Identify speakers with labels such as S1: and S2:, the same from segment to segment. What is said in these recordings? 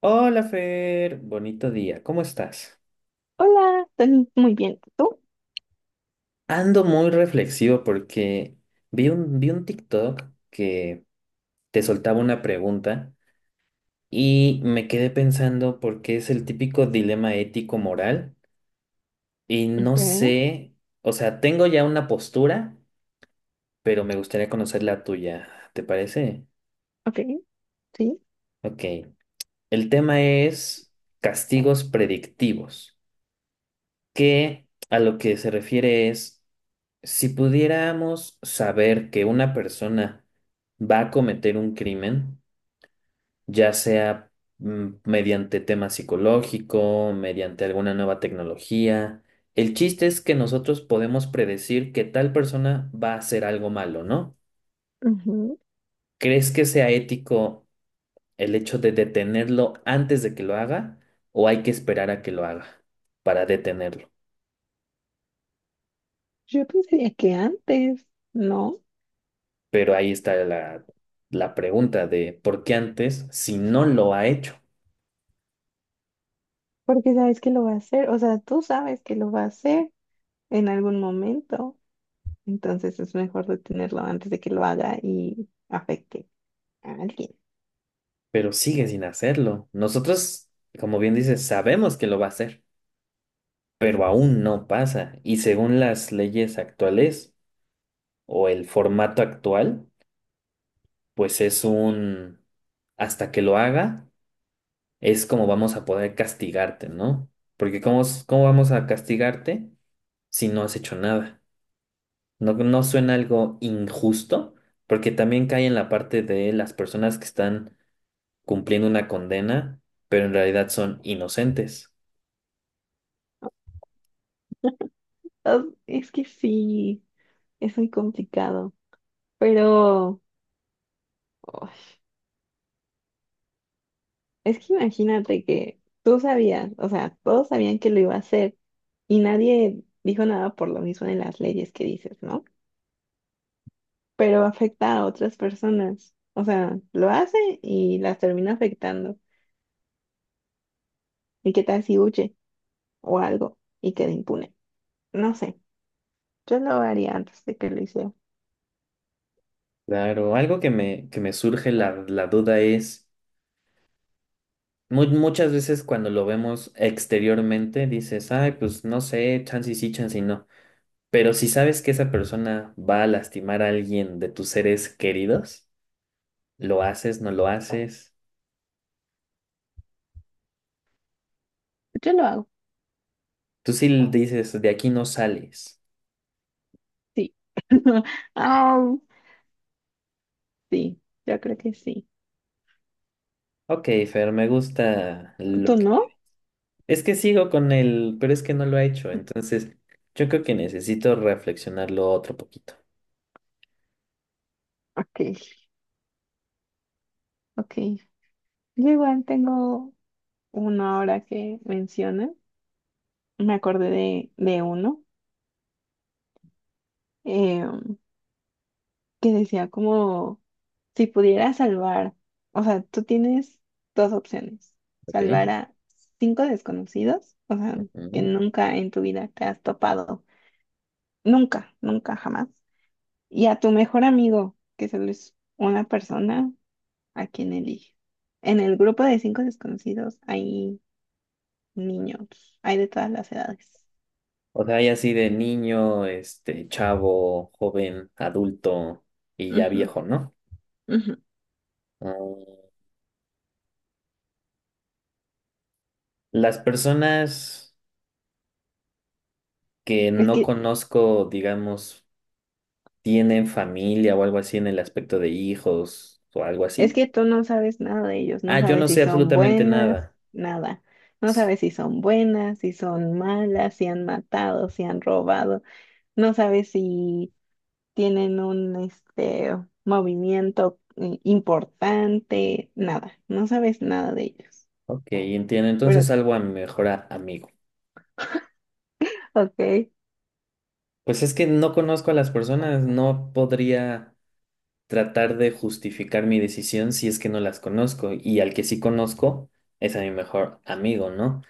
S1: Hola Fer, bonito día, ¿cómo estás?
S2: Hola, estoy muy bien. ¿Tú?
S1: Ando muy reflexivo porque vi un TikTok que te soltaba una pregunta y me quedé pensando porque es el típico dilema ético-moral y no
S2: Ok,
S1: sé, o sea, tengo ya una postura, pero me gustaría conocer la tuya, ¿te parece?
S2: ok, sí.
S1: Ok, el tema es castigos predictivos, que a lo que se refiere es, si pudiéramos saber que una persona va a cometer un crimen, ya sea mediante tema psicológico, mediante alguna nueva tecnología, el chiste es que nosotros podemos predecir que tal persona va a hacer algo malo, ¿no?
S2: Ujú.
S1: ¿Crees que sea ético el hecho de detenerlo antes de que lo haga o hay que esperar a que lo haga para detenerlo?
S2: Yo pensaría que antes, ¿no?
S1: Pero ahí está la pregunta de por qué antes, si no lo ha hecho,
S2: Porque sabes que lo va a hacer, o sea, tú sabes que lo va a hacer en algún momento, entonces es mejor detenerlo antes de que lo haga y afecte a alguien.
S1: pero sigue sin hacerlo. Nosotros, como bien dices, sabemos que lo va a hacer, pero aún no pasa. Y según las leyes actuales o el formato actual, pues es un hasta que lo haga, es como vamos a poder castigarte, ¿no? Porque ¿cómo vamos a castigarte si no has hecho nada? ¿No, no suena algo injusto? Porque también cae en la parte de las personas que están cumpliendo una condena, pero en realidad son inocentes.
S2: Ah, es que sí, es muy complicado, pero uy, es que imagínate que tú sabías, o sea, todos sabían que lo iba a hacer y nadie dijo nada por lo mismo de las leyes que dices, ¿no? Pero afecta a otras personas. O sea, lo hace y las termina afectando. ¿Y qué tal si huye o algo y queda impune? No sé, yo lo haría antes de que lo hiciera.
S1: Claro, algo que que me surge la duda es, muchas veces cuando lo vemos exteriormente dices, ay, pues no sé, chance y sí, chance y no. Pero si sabes que esa persona va a lastimar a alguien de tus seres queridos, ¿lo haces, no lo haces?
S2: Yo lo hago,
S1: Tú sí dices, de aquí no sales.
S2: sí. Au, sí, yo creo que sí.
S1: Ok, Fer, me gusta
S2: ¿Tú
S1: lo que...
S2: no?
S1: Es que sigo con él, pero es que no lo he hecho, entonces yo creo que necesito reflexionarlo otro poquito.
S2: Ok, ok. Yo igual tengo uno ahora que menciona. Me acordé de uno. Em, que decía como, si pudiera salvar, o sea, tú tienes dos opciones,
S1: Ok.
S2: salvar a cinco desconocidos, o sea, que
S1: Ujú.
S2: nunca en tu vida te has topado, nunca, nunca, jamás, y a tu mejor amigo, que solo es una persona a quien elige. En el grupo de cinco desconocidos hay niños, hay de todas las edades.
S1: O sea, hay así de niño, este, chavo, joven, adulto y ya
S2: Ujú,
S1: viejo, ¿no?
S2: ujú.
S1: Mm, las personas que
S2: Es
S1: no
S2: que
S1: conozco, digamos... ¿tienen familia o algo así en el aspecto de hijos o algo
S2: Es
S1: así?
S2: que tú no sabes nada de ellos, no
S1: Ah, yo no
S2: sabes si
S1: sé
S2: son
S1: absolutamente
S2: buenas,
S1: nada.
S2: nada. No sabes si son buenas, si son malas, si han matado, si han robado. No sabes si tienen un este movimiento importante, nada. No sabes nada de ellos.
S1: Ok, entiendo.
S2: Pero,
S1: Entonces salvo a mi mejor amigo.
S2: ok,
S1: Pues es que no conozco a las personas, no podría tratar de justificar mi decisión si es que no las conozco. Y al que sí conozco es a mi mejor amigo, ¿no?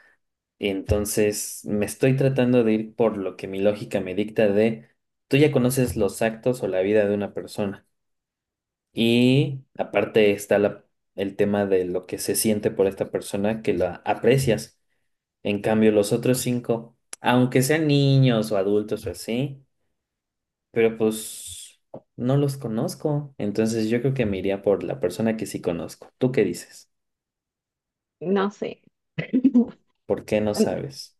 S1: Entonces me estoy tratando de ir por lo que mi lógica me dicta de, tú ya conoces los actos o la vida de una persona. Y aparte está el tema de lo que se siente por esta persona que la aprecias. En cambio, los otros cinco, aunque sean niños o adultos o así, pero pues no los conozco. Entonces yo creo que me iría por la persona que sí conozco. ¿Tú qué dices?
S2: no sé.
S1: ¿Por qué no
S2: Mm,
S1: sabes?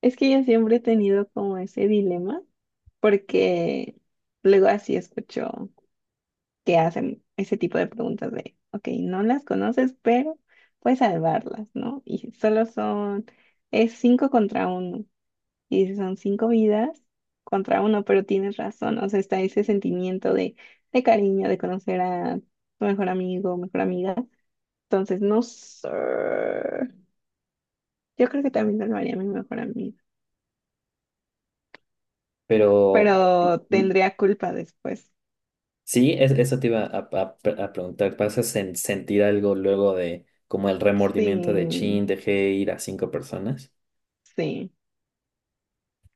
S2: Es que yo siempre he tenido como ese dilema porque luego así escucho. Que hacen ese tipo de preguntas de, ok, no las conoces, pero puedes salvarlas, ¿no? Y solo son, es cinco contra uno, y son cinco vidas contra uno, pero tienes razón, o sea, está ese sentimiento de cariño, de conocer a tu mejor amigo, mejor amiga. Entonces, no sé, yo creo que también salvaría a mi mejor amiga,
S1: Pero
S2: pero
S1: mm,
S2: tendría culpa después.
S1: sí, eso te iba a preguntar. ¿Vas a sentir algo luego de como el remordimiento de
S2: Sí,
S1: chin, dejé ir a cinco personas?
S2: sí.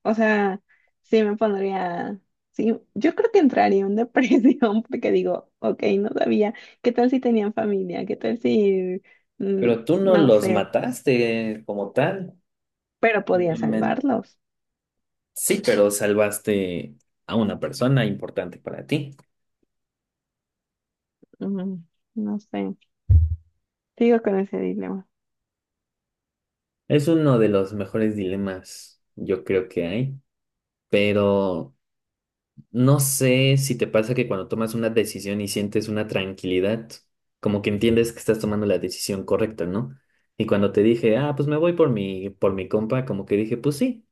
S2: O sea, sí me pondría, sí, yo creo que entraría en depresión porque digo, ok, no sabía, ¿qué tal si tenían familia? ¿Qué tal si, mm,
S1: Pero tú no
S2: no
S1: los
S2: sé,
S1: mataste como tal,
S2: pero podía
S1: simplemente
S2: salvarlos?
S1: sí, pero salvaste a una persona importante para ti.
S2: Mm, no sé, sigo con ese dilema.
S1: Es uno de los mejores dilemas, yo creo que hay, pero no sé si te pasa que cuando tomas una decisión y sientes una tranquilidad, como que entiendes que estás tomando la decisión correcta, ¿no? Y cuando te dije, ah, pues me voy por por mi compa, como que dije, pues sí.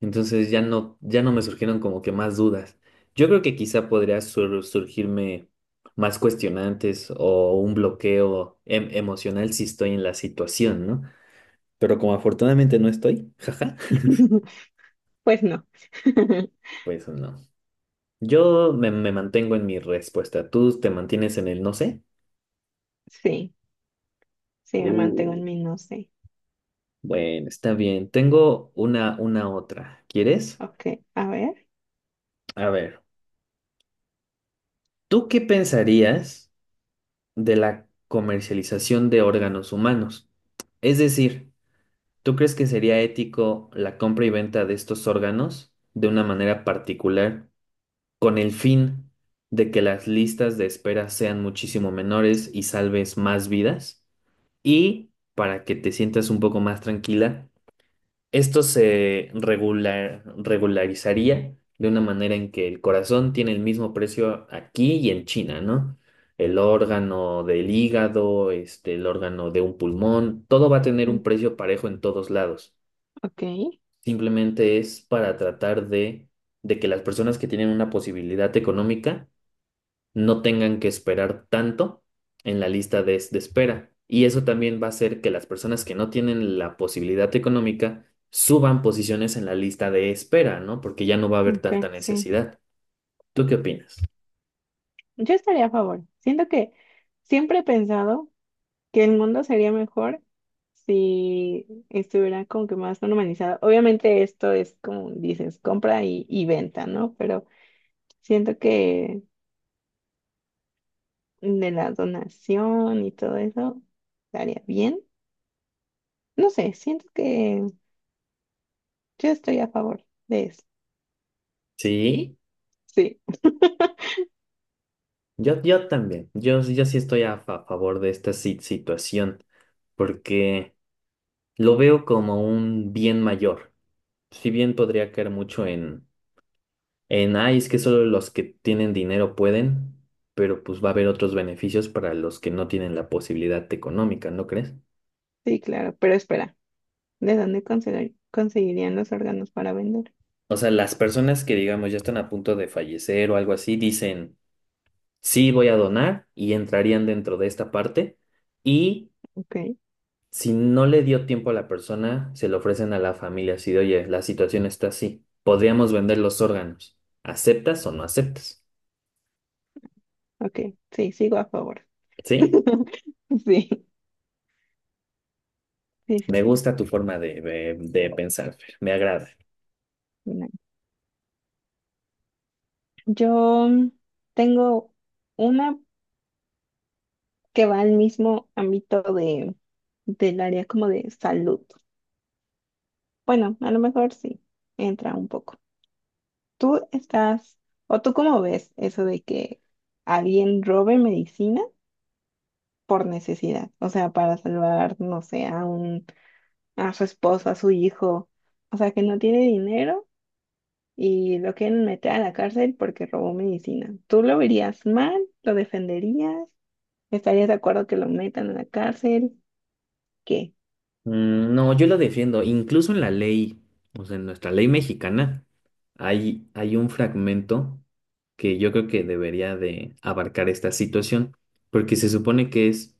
S1: Entonces ya no me surgieron como que más dudas. Yo creo que quizá podría surgirme más cuestionantes o un bloqueo emocional si estoy en la situación, ¿no? Pero como afortunadamente no estoy, jaja,
S2: Pues no.
S1: pues no. Yo me mantengo en mi respuesta. ¿Tú te mantienes en el no sé?
S2: Sí, sí, me mantengo
S1: Uh,
S2: en mi no sé.
S1: bueno, está bien. Tengo una otra. ¿Quieres?
S2: Ok, a ver.
S1: A ver, ¿tú qué pensarías de la comercialización de órganos humanos? Es decir, ¿tú crees que sería ético la compra y venta de estos órganos de una manera particular con el fin de que las listas de espera sean muchísimo menores y salves más vidas? Y para que te sientas un poco más tranquila, esto se regularizaría de una manera en que el corazón tiene el mismo precio aquí y en China, ¿no? El órgano del hígado, este, el órgano de un pulmón, todo va a tener un
S2: Mm.
S1: precio parejo en todos lados.
S2: Ok,
S1: Simplemente es para tratar de que las personas que tienen una posibilidad económica no tengan que esperar tanto en la lista de espera. Y eso también va a hacer que las personas que no tienen la posibilidad económica suban posiciones en la lista de espera, ¿no? Porque ya no va a haber tanta
S2: ok, sí.
S1: necesidad. ¿Tú qué opinas?
S2: Yo estaría a favor. Siento que siempre he pensado. Que el mundo sería mejor si estuviera como que más normalizado. Obviamente esto es como dices, compra y venta, ¿no? Pero siento que de la donación y todo eso estaría bien. No sé, siento que yo estoy a favor de eso.
S1: Sí,
S2: Sí,
S1: yo también. Yo sí estoy a, favor de esta situación porque lo veo como un bien mayor. Si bien podría caer mucho en ay, es que solo los que tienen dinero pueden, pero pues va a haber otros beneficios para los que no tienen la posibilidad económica, ¿no crees?
S2: sí, claro, pero espera, ¿de dónde conseguir- conseguirían los órganos para vender?
S1: O sea, las personas que digamos ya están a punto de fallecer o algo así, dicen, sí, voy a donar y entrarían dentro de esta parte. Y
S2: Ok,
S1: si no le dio tiempo a la persona, se lo ofrecen a la familia así de, oye, la situación está así, podríamos vender los órganos. ¿Aceptas o no aceptas?
S2: ok, sí, sigo a favor.
S1: ¿Sí?
S2: Sí, sí,
S1: Me
S2: sí,
S1: gusta tu forma de, de pensar, Fer, me agrada.
S2: sí. Yo tengo una que va al mismo ámbito de, del área como de salud. Bueno, a lo mejor sí, entra un poco. ¿Tú estás, o tú cómo ves eso de que alguien robe medicina por necesidad? O sea, para salvar, no sé, a un, a su esposo, a su hijo. O sea, que no tiene dinero y lo quieren meter a la cárcel porque robó medicina. ¿Tú lo verías mal? ¿Lo defenderías? ¿Estarías de acuerdo que lo metan a la cárcel? ¿Qué?
S1: Mm, no, yo lo defiendo. Incluso en la ley, o sea, en nuestra ley mexicana, hay un fragmento que yo creo que debería de abarcar esta situación, porque se supone que es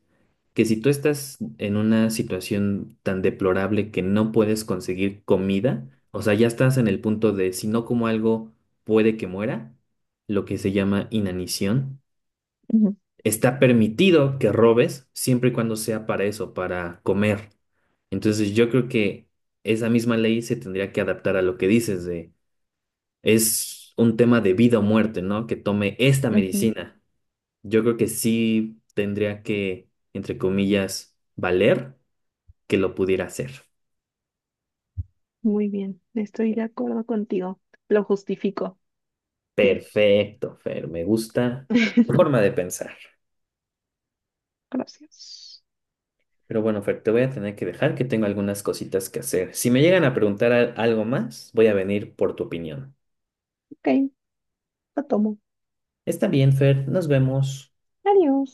S1: que si tú estás en una situación tan deplorable que no puedes conseguir comida, o sea, ya estás en el punto de si no como algo puede que muera, lo que se llama inanición,
S2: Ujú,
S1: está permitido que robes siempre y cuando sea para eso, para comer. Entonces yo creo que esa misma ley se tendría que adaptar a lo que dices de es un tema de vida o muerte, ¿no? Que tome esta
S2: ujú.
S1: medicina. Yo creo que sí tendría que, entre comillas, valer que lo pudiera hacer.
S2: Muy bien, estoy de acuerdo contigo. Lo justifico. Fin.
S1: Perfecto, Fer, me gusta tu forma de pensar.
S2: Gracias.
S1: Pero bueno, Fer, te voy a tener que dejar que tengo algunas cositas que hacer. Si me llegan a preguntar algo más, voy a venir por tu opinión.
S2: Ok, lo tomo.
S1: Está bien, Fer, nos vemos.
S2: Adiós.